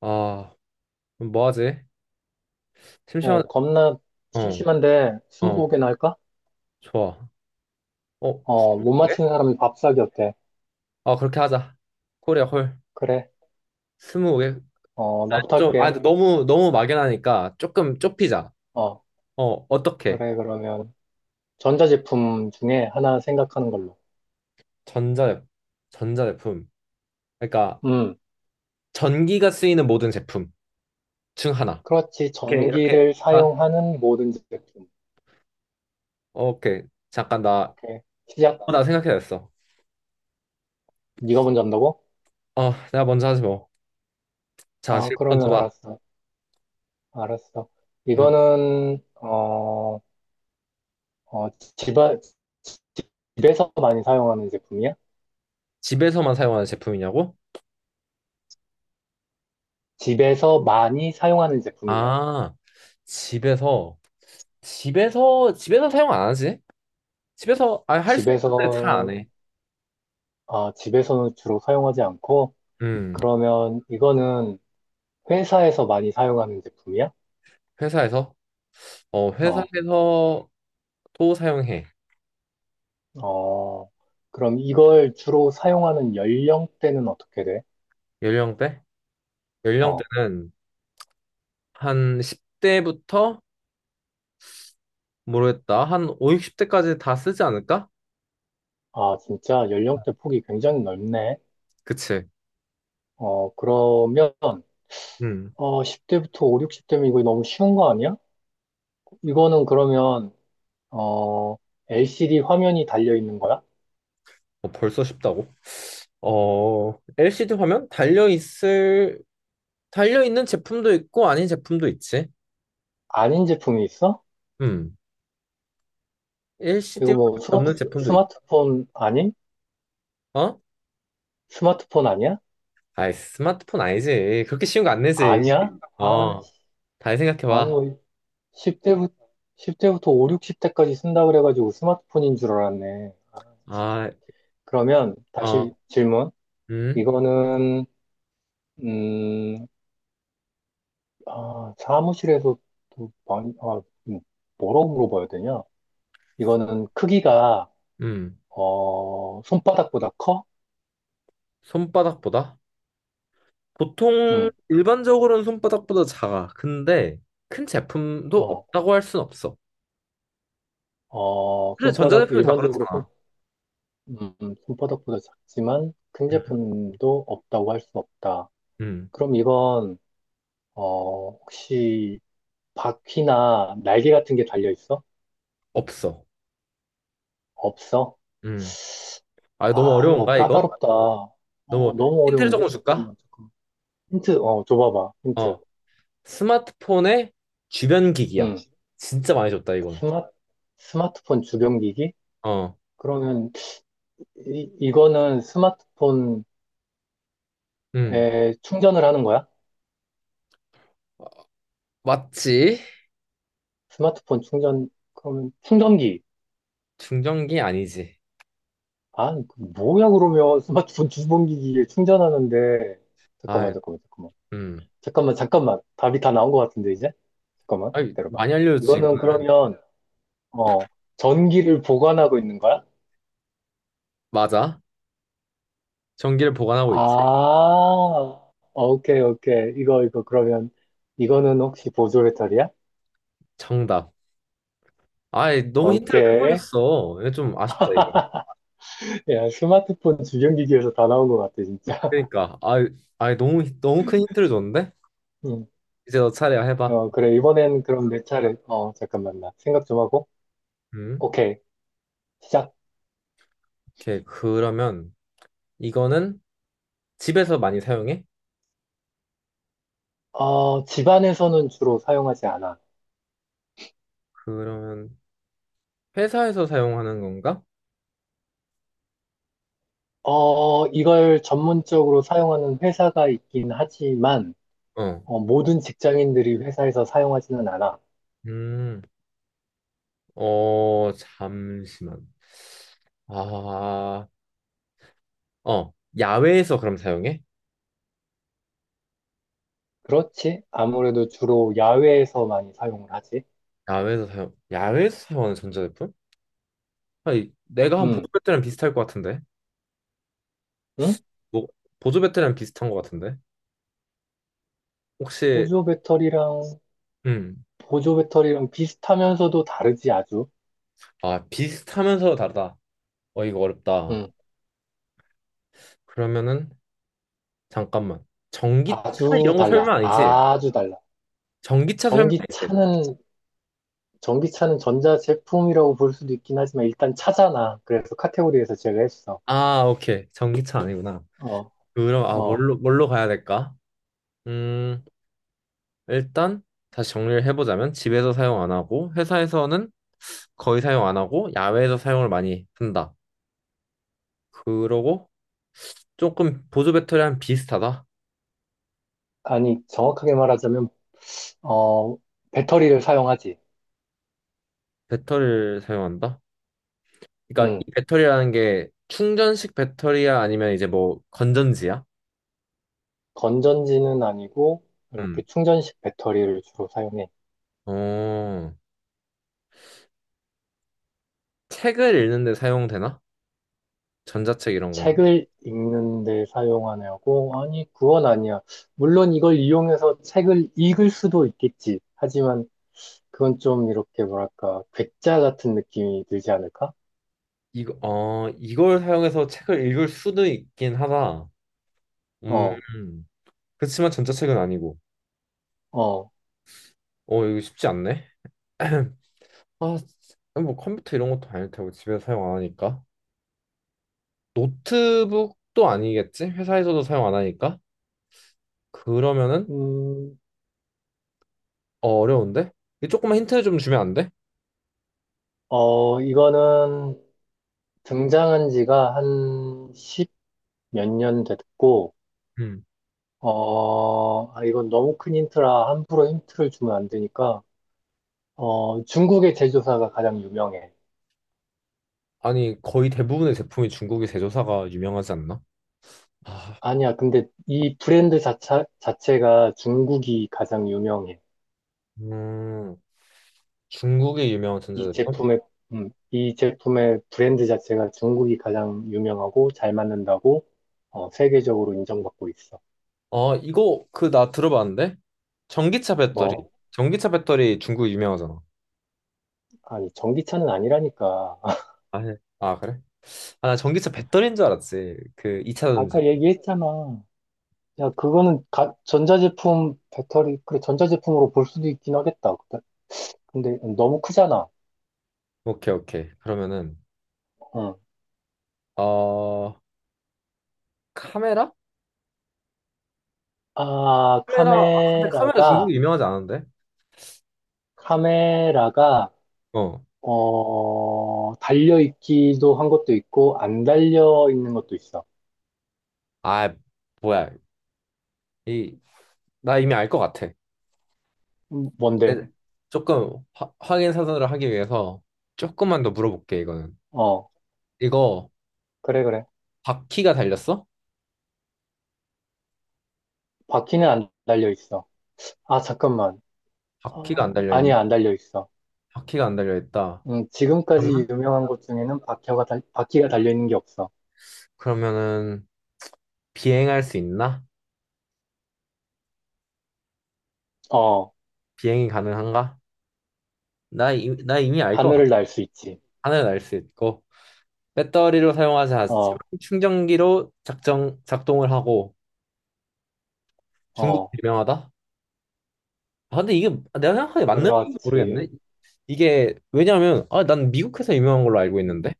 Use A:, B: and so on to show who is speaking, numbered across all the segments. A: 아, 그럼 뭐 하지? 심심한,
B: 예, 겁나
A: 어,
B: 심심한데
A: 어,
B: 스무고개나 할까?
A: 좋아. 어,
B: 어,
A: 스무
B: 못
A: 개?
B: 맞히는 사람이 밥 사기 어때?
A: 아, 그렇게 하자. 코리아 홀.
B: 그래.
A: 스무 개?
B: 어, 나부터
A: 좀, 아,
B: 할게.
A: 근데 너무, 너무 막연하니까 조금 좁히자.
B: 어,
A: 어, 어떻게?
B: 그래. 그러면 전자제품 중에 하나 생각하는 걸로.
A: 전자, 전자제품. 그러니까,
B: 음,
A: 전기가 쓰이는 모든 제품 중 하나.
B: 그렇지.
A: 이렇게, 이렇게.
B: 전기를
A: 아,
B: 사용하는 모든 제품.
A: 오케이. 잠깐, 나,
B: 오케이. 시작.
A: 어, 나 생각해냈어.
B: 네가 먼저 한다고?
A: 어, 내가 먼저 하지 뭐. 자,
B: 아,
A: 질문 먼저
B: 그러면
A: 봐.
B: 알았어. 알았어.
A: 음,
B: 이거는 어, 어, 집안 집에서 많이 사용하는 제품이야?
A: 집에서만 사용하는 제품이냐고?
B: 집에서 많이 사용하는 제품이냐고.
A: 아, 집에서. 집에서 사용 안 하지? 집에서 아, 할 수
B: 집에서
A: 있는데 잘 안 해.
B: 집에서는 주로 사용하지 않고,
A: 음,
B: 그러면 이거는 회사에서 많이 사용하는 제품이야?
A: 회사에서 어
B: 어,
A: 회사에서 또 사용해.
B: 어, 그럼 이걸 주로 사용하는 연령대는 어떻게 돼?
A: 연령대?
B: 어,
A: 연령대는 한 10대부터 모르겠다. 한 5, 60대까지 다 쓰지 않을까?
B: 아, 진짜 연령대 폭이 굉장히 넓네.
A: 그치?
B: 어, 그러면,
A: 음.
B: 어, 10대부터 5, 60대면 이거 너무 쉬운 거 아니야? 이거는 그러면, 어, LCD 화면이 달려 있는 거야?
A: 어, 벌써 쉽다고? 어, LCD 화면 달려 있는 제품도 있고 아닌 제품도 있지.
B: 아닌 제품이 있어?
A: 음. LCD
B: 이거
A: 화면
B: 뭐 스마트,
A: 없는 제품도 있.
B: 스마트폰 아닌?
A: 어?
B: 스마트폰 아니야?
A: 아이, 스마트폰 아니지. 그렇게 쉬운 거 안 내지.
B: 아니야? 아,
A: 어,
B: 씨.
A: 잘
B: 아니,
A: 생각해봐.
B: 10대부터, 십0대부터오 60대까지 쓴다 그래가지고 스마트폰인 줄 알았네. 아,
A: 아,
B: 그러면
A: 어,
B: 다시 질문.
A: 음,
B: 이거는, 음, 아, 사무실에서 또 많이, 아, 음, 뭐라고 물어봐야 되냐? 이거는 크기가,
A: 음.
B: 어, 손바닥보다 커?
A: 손바닥보다? 보통
B: 응.
A: 일반적으로는 손바닥보다 작아. 근데 큰 제품도
B: 어,
A: 없다고 할 순 없어.
B: 어,
A: 그래,
B: 손바닥,
A: 전자제품이 다
B: 일반적으로 손,
A: 그렇잖아.
B: 손바닥보다 작지만 큰
A: 음,
B: 제품도 없다고 할 수 없다.
A: 음.
B: 그럼 이건, 어, 혹시 바퀴나 날개 같은 게 달려 있어?
A: 없어.
B: 없어?
A: 음. 아, 너무
B: 아, 이거
A: 어려운가, 이거?
B: 까다롭다. 어,
A: 너무
B: 너무
A: 힌트를
B: 어려운데?
A: 조금 줄까?
B: 잠깐만, 잠깐만. 힌트, 어, 줘봐봐, 힌트.
A: 어, 스마트폰의 주변 기기야.
B: 응.
A: 진짜 많이 줬다, 이건.
B: 스마, 스마트폰 주변기기?
A: 어,
B: 그러면, 이거는 스마트폰에
A: 음.
B: 충전을 하는 거야?
A: 어, 맞지?
B: 스마트폰 충전, 그러면 충전기.
A: 충전기 아니지.
B: 아, 뭐야, 그러면 스마트폰 주변기기에 충전하는데. 잠깐만,
A: 아,
B: 잠깐만, 잠깐만.
A: 음.
B: 잠깐만, 잠깐만. 답이 다 나온 것 같은데, 이제? 잠깐만,
A: 아니,
B: 기다려봐.
A: 많이 알려줬지. 이거.
B: 이거는 그러면, 어, 전기를 보관하고 있는 거야?
A: 맞아. 전기를 보관하고
B: 아,
A: 있지.
B: 어, 오케이, 오케이. 그러면, 이거는 혹시 보조 배터리야?
A: 정답. 아이, 너무 힌트를 큰 걸
B: 오케이.
A: 줬어. 이거 좀 아쉽다, 이거.
B: 야, 스마트폰 주변기기에서 다 나온 것 같아, 진짜.
A: 그러니까. 아이, 아이, 너무, 너무 큰 힌트를 줬는데?
B: 음.
A: 이제 너 차례야, 해봐.
B: 어, 그래. 이번엔 그럼 내 차례. 어, 잠깐만, 나 생각 좀 하고.
A: 음.
B: 오케이. 시작.
A: 오케이. 그러면, 이거는 집에서 많이 사용해?
B: 어, 집안에서는 주로 사용하지 않아.
A: 그러면, 회사에서 사용하는 건가?
B: 어, 이걸 전문적으로 사용하는 회사가 있긴 하지만,
A: 어.
B: 어, 모든 직장인들이 회사에서 사용하지는 않아.
A: 음. 어, 잠시만. 아, 어. 야외에서 그럼 사용해?
B: 그렇지? 아무래도 주로 야외에서 많이 사용을 하지.
A: 야외에서 사용하는 전자제품? 아니, 내가 한 보조
B: 음,
A: 배터리랑 비슷할 것 같은데.
B: 응?
A: 뭐, 보조 배터리랑 비슷한 것 같은데. 혹시,
B: 보조 배터리랑,
A: 음,
B: 비슷하면서도 다르지, 아주.
A: 아, 비슷하면서 다르다. 어, 이거 어렵다.
B: 음,
A: 그러면은, 잠깐만. 전기차
B: 아주
A: 이런 거
B: 달라.
A: 설명 아니지?
B: 아주 달라.
A: 전기차 설명 아니지?
B: 전기차는, 전기차는 전자 제품이라고 볼 수도 있긴 하지만, 일단 차잖아. 그래서 카테고리에서 제외했어.
A: 아, 오케이. 전기차 아니구나.
B: 어,
A: 그럼, 아,
B: 어.
A: 뭘로 가야 될까? 음, 일단, 다시 정리를 해보자면, 집에서 사용 안 하고, 회사에서는 거의 사용 안 하고, 야외에서 사용을 많이 한다. 그러고, 조금 보조 배터리랑 비슷하다.
B: 아니, 정확하게 말하자면 어, 배터리를 사용하지.
A: 배터리를 사용한다? 그러니까
B: 음,
A: 이 배터리라는 게 충전식 배터리야 아니면 이제 뭐 건전지야?
B: 건전지는 아니고, 이렇게
A: 음.
B: 충전식 배터리를 주로 사용해.
A: 어, 책을 읽는데 사용되나? 전자책 이런 건가?
B: 책을 읽는데 사용하냐고? 아니, 그건 아니야. 물론 이걸 이용해서 책을 읽을 수도 있겠지. 하지만 그건 좀 이렇게 뭐랄까, 괴짜 같은 느낌이 들지 않을까?
A: 이걸 사용해서 책을 읽을 수도 있긴 하다. 음,
B: 어,
A: 그렇지만 전자책은 아니고.
B: 어,
A: 어, 이거 쉽지 않네. 아, 뭐 컴퓨터 이런 것도 아닐 테고 집에서 사용 안 하니까. 노트북도 아니겠지? 회사에서도 사용 안 하니까. 그러면은
B: 음,
A: 어, 어려운데? 이거 조금만 힌트 좀 주면 안 돼?
B: 어, 이거는 등장한 지가 한 십 몇 년 됐고,
A: 음.
B: 어, 아, 이건 너무 큰 힌트라 함부로 힌트를 주면 안 되니까, 어, 중국의 제조사가 가장 유명해.
A: 아니, 거의 대부분의 제품이 중국의 제조사가 유명하지 않나? 아,
B: 아니야, 근데 이 브랜드 자체가 중국이 가장 유명해.
A: 음, 중국의 유명한
B: 이
A: 전자제품?
B: 제품의, 이 제품의 브랜드 자체가 중국이 가장 유명하고 잘 맞는다고, 어, 세계적으로 인정받고 있어.
A: 아, 이거 그 나 들어봤는데? 전기차 배터리.
B: 뭐,
A: 전기차 배터리 중국 유명하잖아.
B: 아니, 전기차는 아니라니까.
A: 아, 네. 아, 그래? 아, 나 전기차 배터리인 줄 알았지. 그 2차전지.
B: 아까 얘기했잖아. 야, 그거는 전자제품, 배터리, 그래, 전자제품으로 볼 수도 있긴 하겠다. 근데 너무 크잖아.
A: 오케이, 오케이. 그러면은
B: 어.
A: 어, 카메라?
B: 아,
A: 카메라. 아, 근데 카메라 중국이 유명하지 않은데?
B: 카메라가,
A: 어.
B: 어, 달려있기도 한 것도 있고, 안 달려있는 것도 있어.
A: 아, 뭐야. 이 나 이미 알 것 같아.
B: 뭔데?
A: 에, 확인 사선을 하기 위해서 조금만 더 물어볼게, 이거는.
B: 어,
A: 이거
B: 그래, 그래.
A: 바퀴가 달렸어?
B: 바퀴는 안 달려있어. 아, 잠깐만.
A: 바퀴가
B: 어,
A: 안
B: 아니야,
A: 달려있나?
B: 안 달려있어.
A: 바퀴가 안 달려있다.
B: 지금까지
A: 그러면?
B: 유명한 것 중에는 바퀴가 달려있는 게 없어.
A: 그러면은 비행할 수 있나?
B: 어,
A: 비행이 가능한가? 나 이미 알 것 같아.
B: 하늘을 날 수 있지.
A: 하늘 날 수 있고 배터리로 사용하지 않지만
B: 어,
A: 충전기로 작동을 하고 중국
B: 어,
A: 유명하다? 아, 근데 이게 내가 생각하기에 맞는지
B: 그렇지.
A: 모르겠네. 이게 왜냐면 아, 난 미국 회사 유명한 걸로 알고
B: 음.
A: 있는데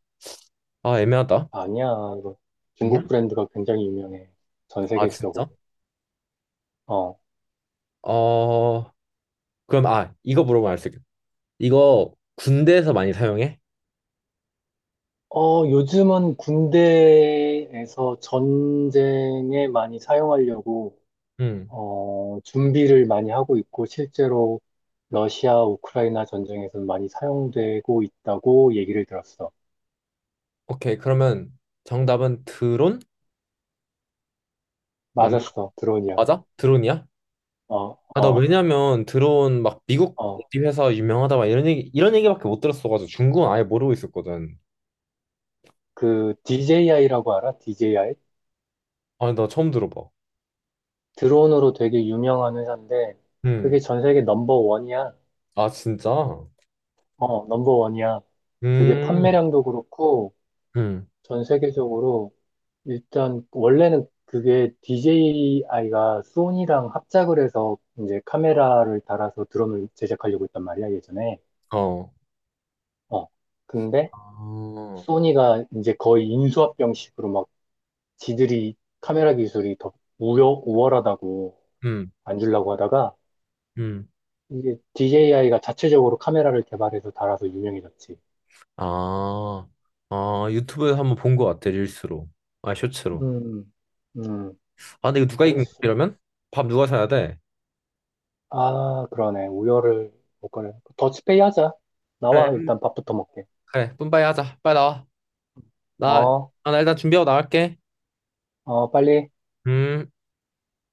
A: 아 애매하다.
B: 아니야. 이거 중국
A: 아니야?
B: 브랜드가 굉장히 유명해. 전
A: 아,
B: 세계적으로.
A: 진짜?
B: 어.
A: 어, 그럼, 아, 이거 물어보면 알 수 있겠다. 이거 군대에서 많이 사용해?
B: 어, 요즘은 군대에서 전쟁에 많이 사용하려고
A: 응.
B: 어, 준비를 많이 하고 있고 실제로 러시아 우크라이나 전쟁에서 많이 사용되고 있다고 얘기를 들었어.
A: 오케이, 그러면 정답은 드론? 맞나?
B: 맞았어. 드론이야.
A: 맞아? 드론이야?
B: 어,
A: 아, 나
B: 어,
A: 왜냐면 드론 막 미국
B: 어.
A: 어디 회사 유명하다 막 이런 얘기밖에 못 들었어가지고 중국은 아예 모르고 있었거든.
B: 그 DJI라고 알아? DJI?
A: 아니, 나 처음 들어봐.
B: 드론으로 되게 유명한 회사인데
A: 응.
B: 그게 전 세계 넘버 원이야.
A: 아, 진짜?
B: 어, 넘버원이야. 그게
A: 음,
B: 판매량도 그렇고,
A: 음,
B: 전 세계적으로, 일단, 원래는 그게 DJI가 소니랑 합작을 해서 이제 카메라를 달아서 드럼을 제작하려고 했단 말이야, 예전에.
A: 어.
B: 어. 근데,
A: 아,
B: 소니가 이제 거의 인수합병식으로 막 지들이 카메라 기술이 더 우월하다고
A: 음,
B: 안 주려고 하다가,
A: 음.
B: 이게 DJI가 자체적으로 카메라를 개발해서 달아서 유명해졌지.
A: 아, 아, 유튜브에서 한번 본 것 같아, 릴스로. 아, 쇼츠로.
B: 음, 음,
A: 아, 근데 이거 누가 이긴 거야,
B: 그랬어.
A: 이러면? 밥 누가 사야 돼?
B: 아, 그러네. 우열을 못 가려. 더치페이 하자. 나와,
A: 그래,
B: 일단 밥부터 먹게.
A: 그래, 뿜바이 하자. 빨리 나와. 나,
B: 어,
A: 나 일단 준비하고 나갈게.
B: 어, 빨리.
A: 음.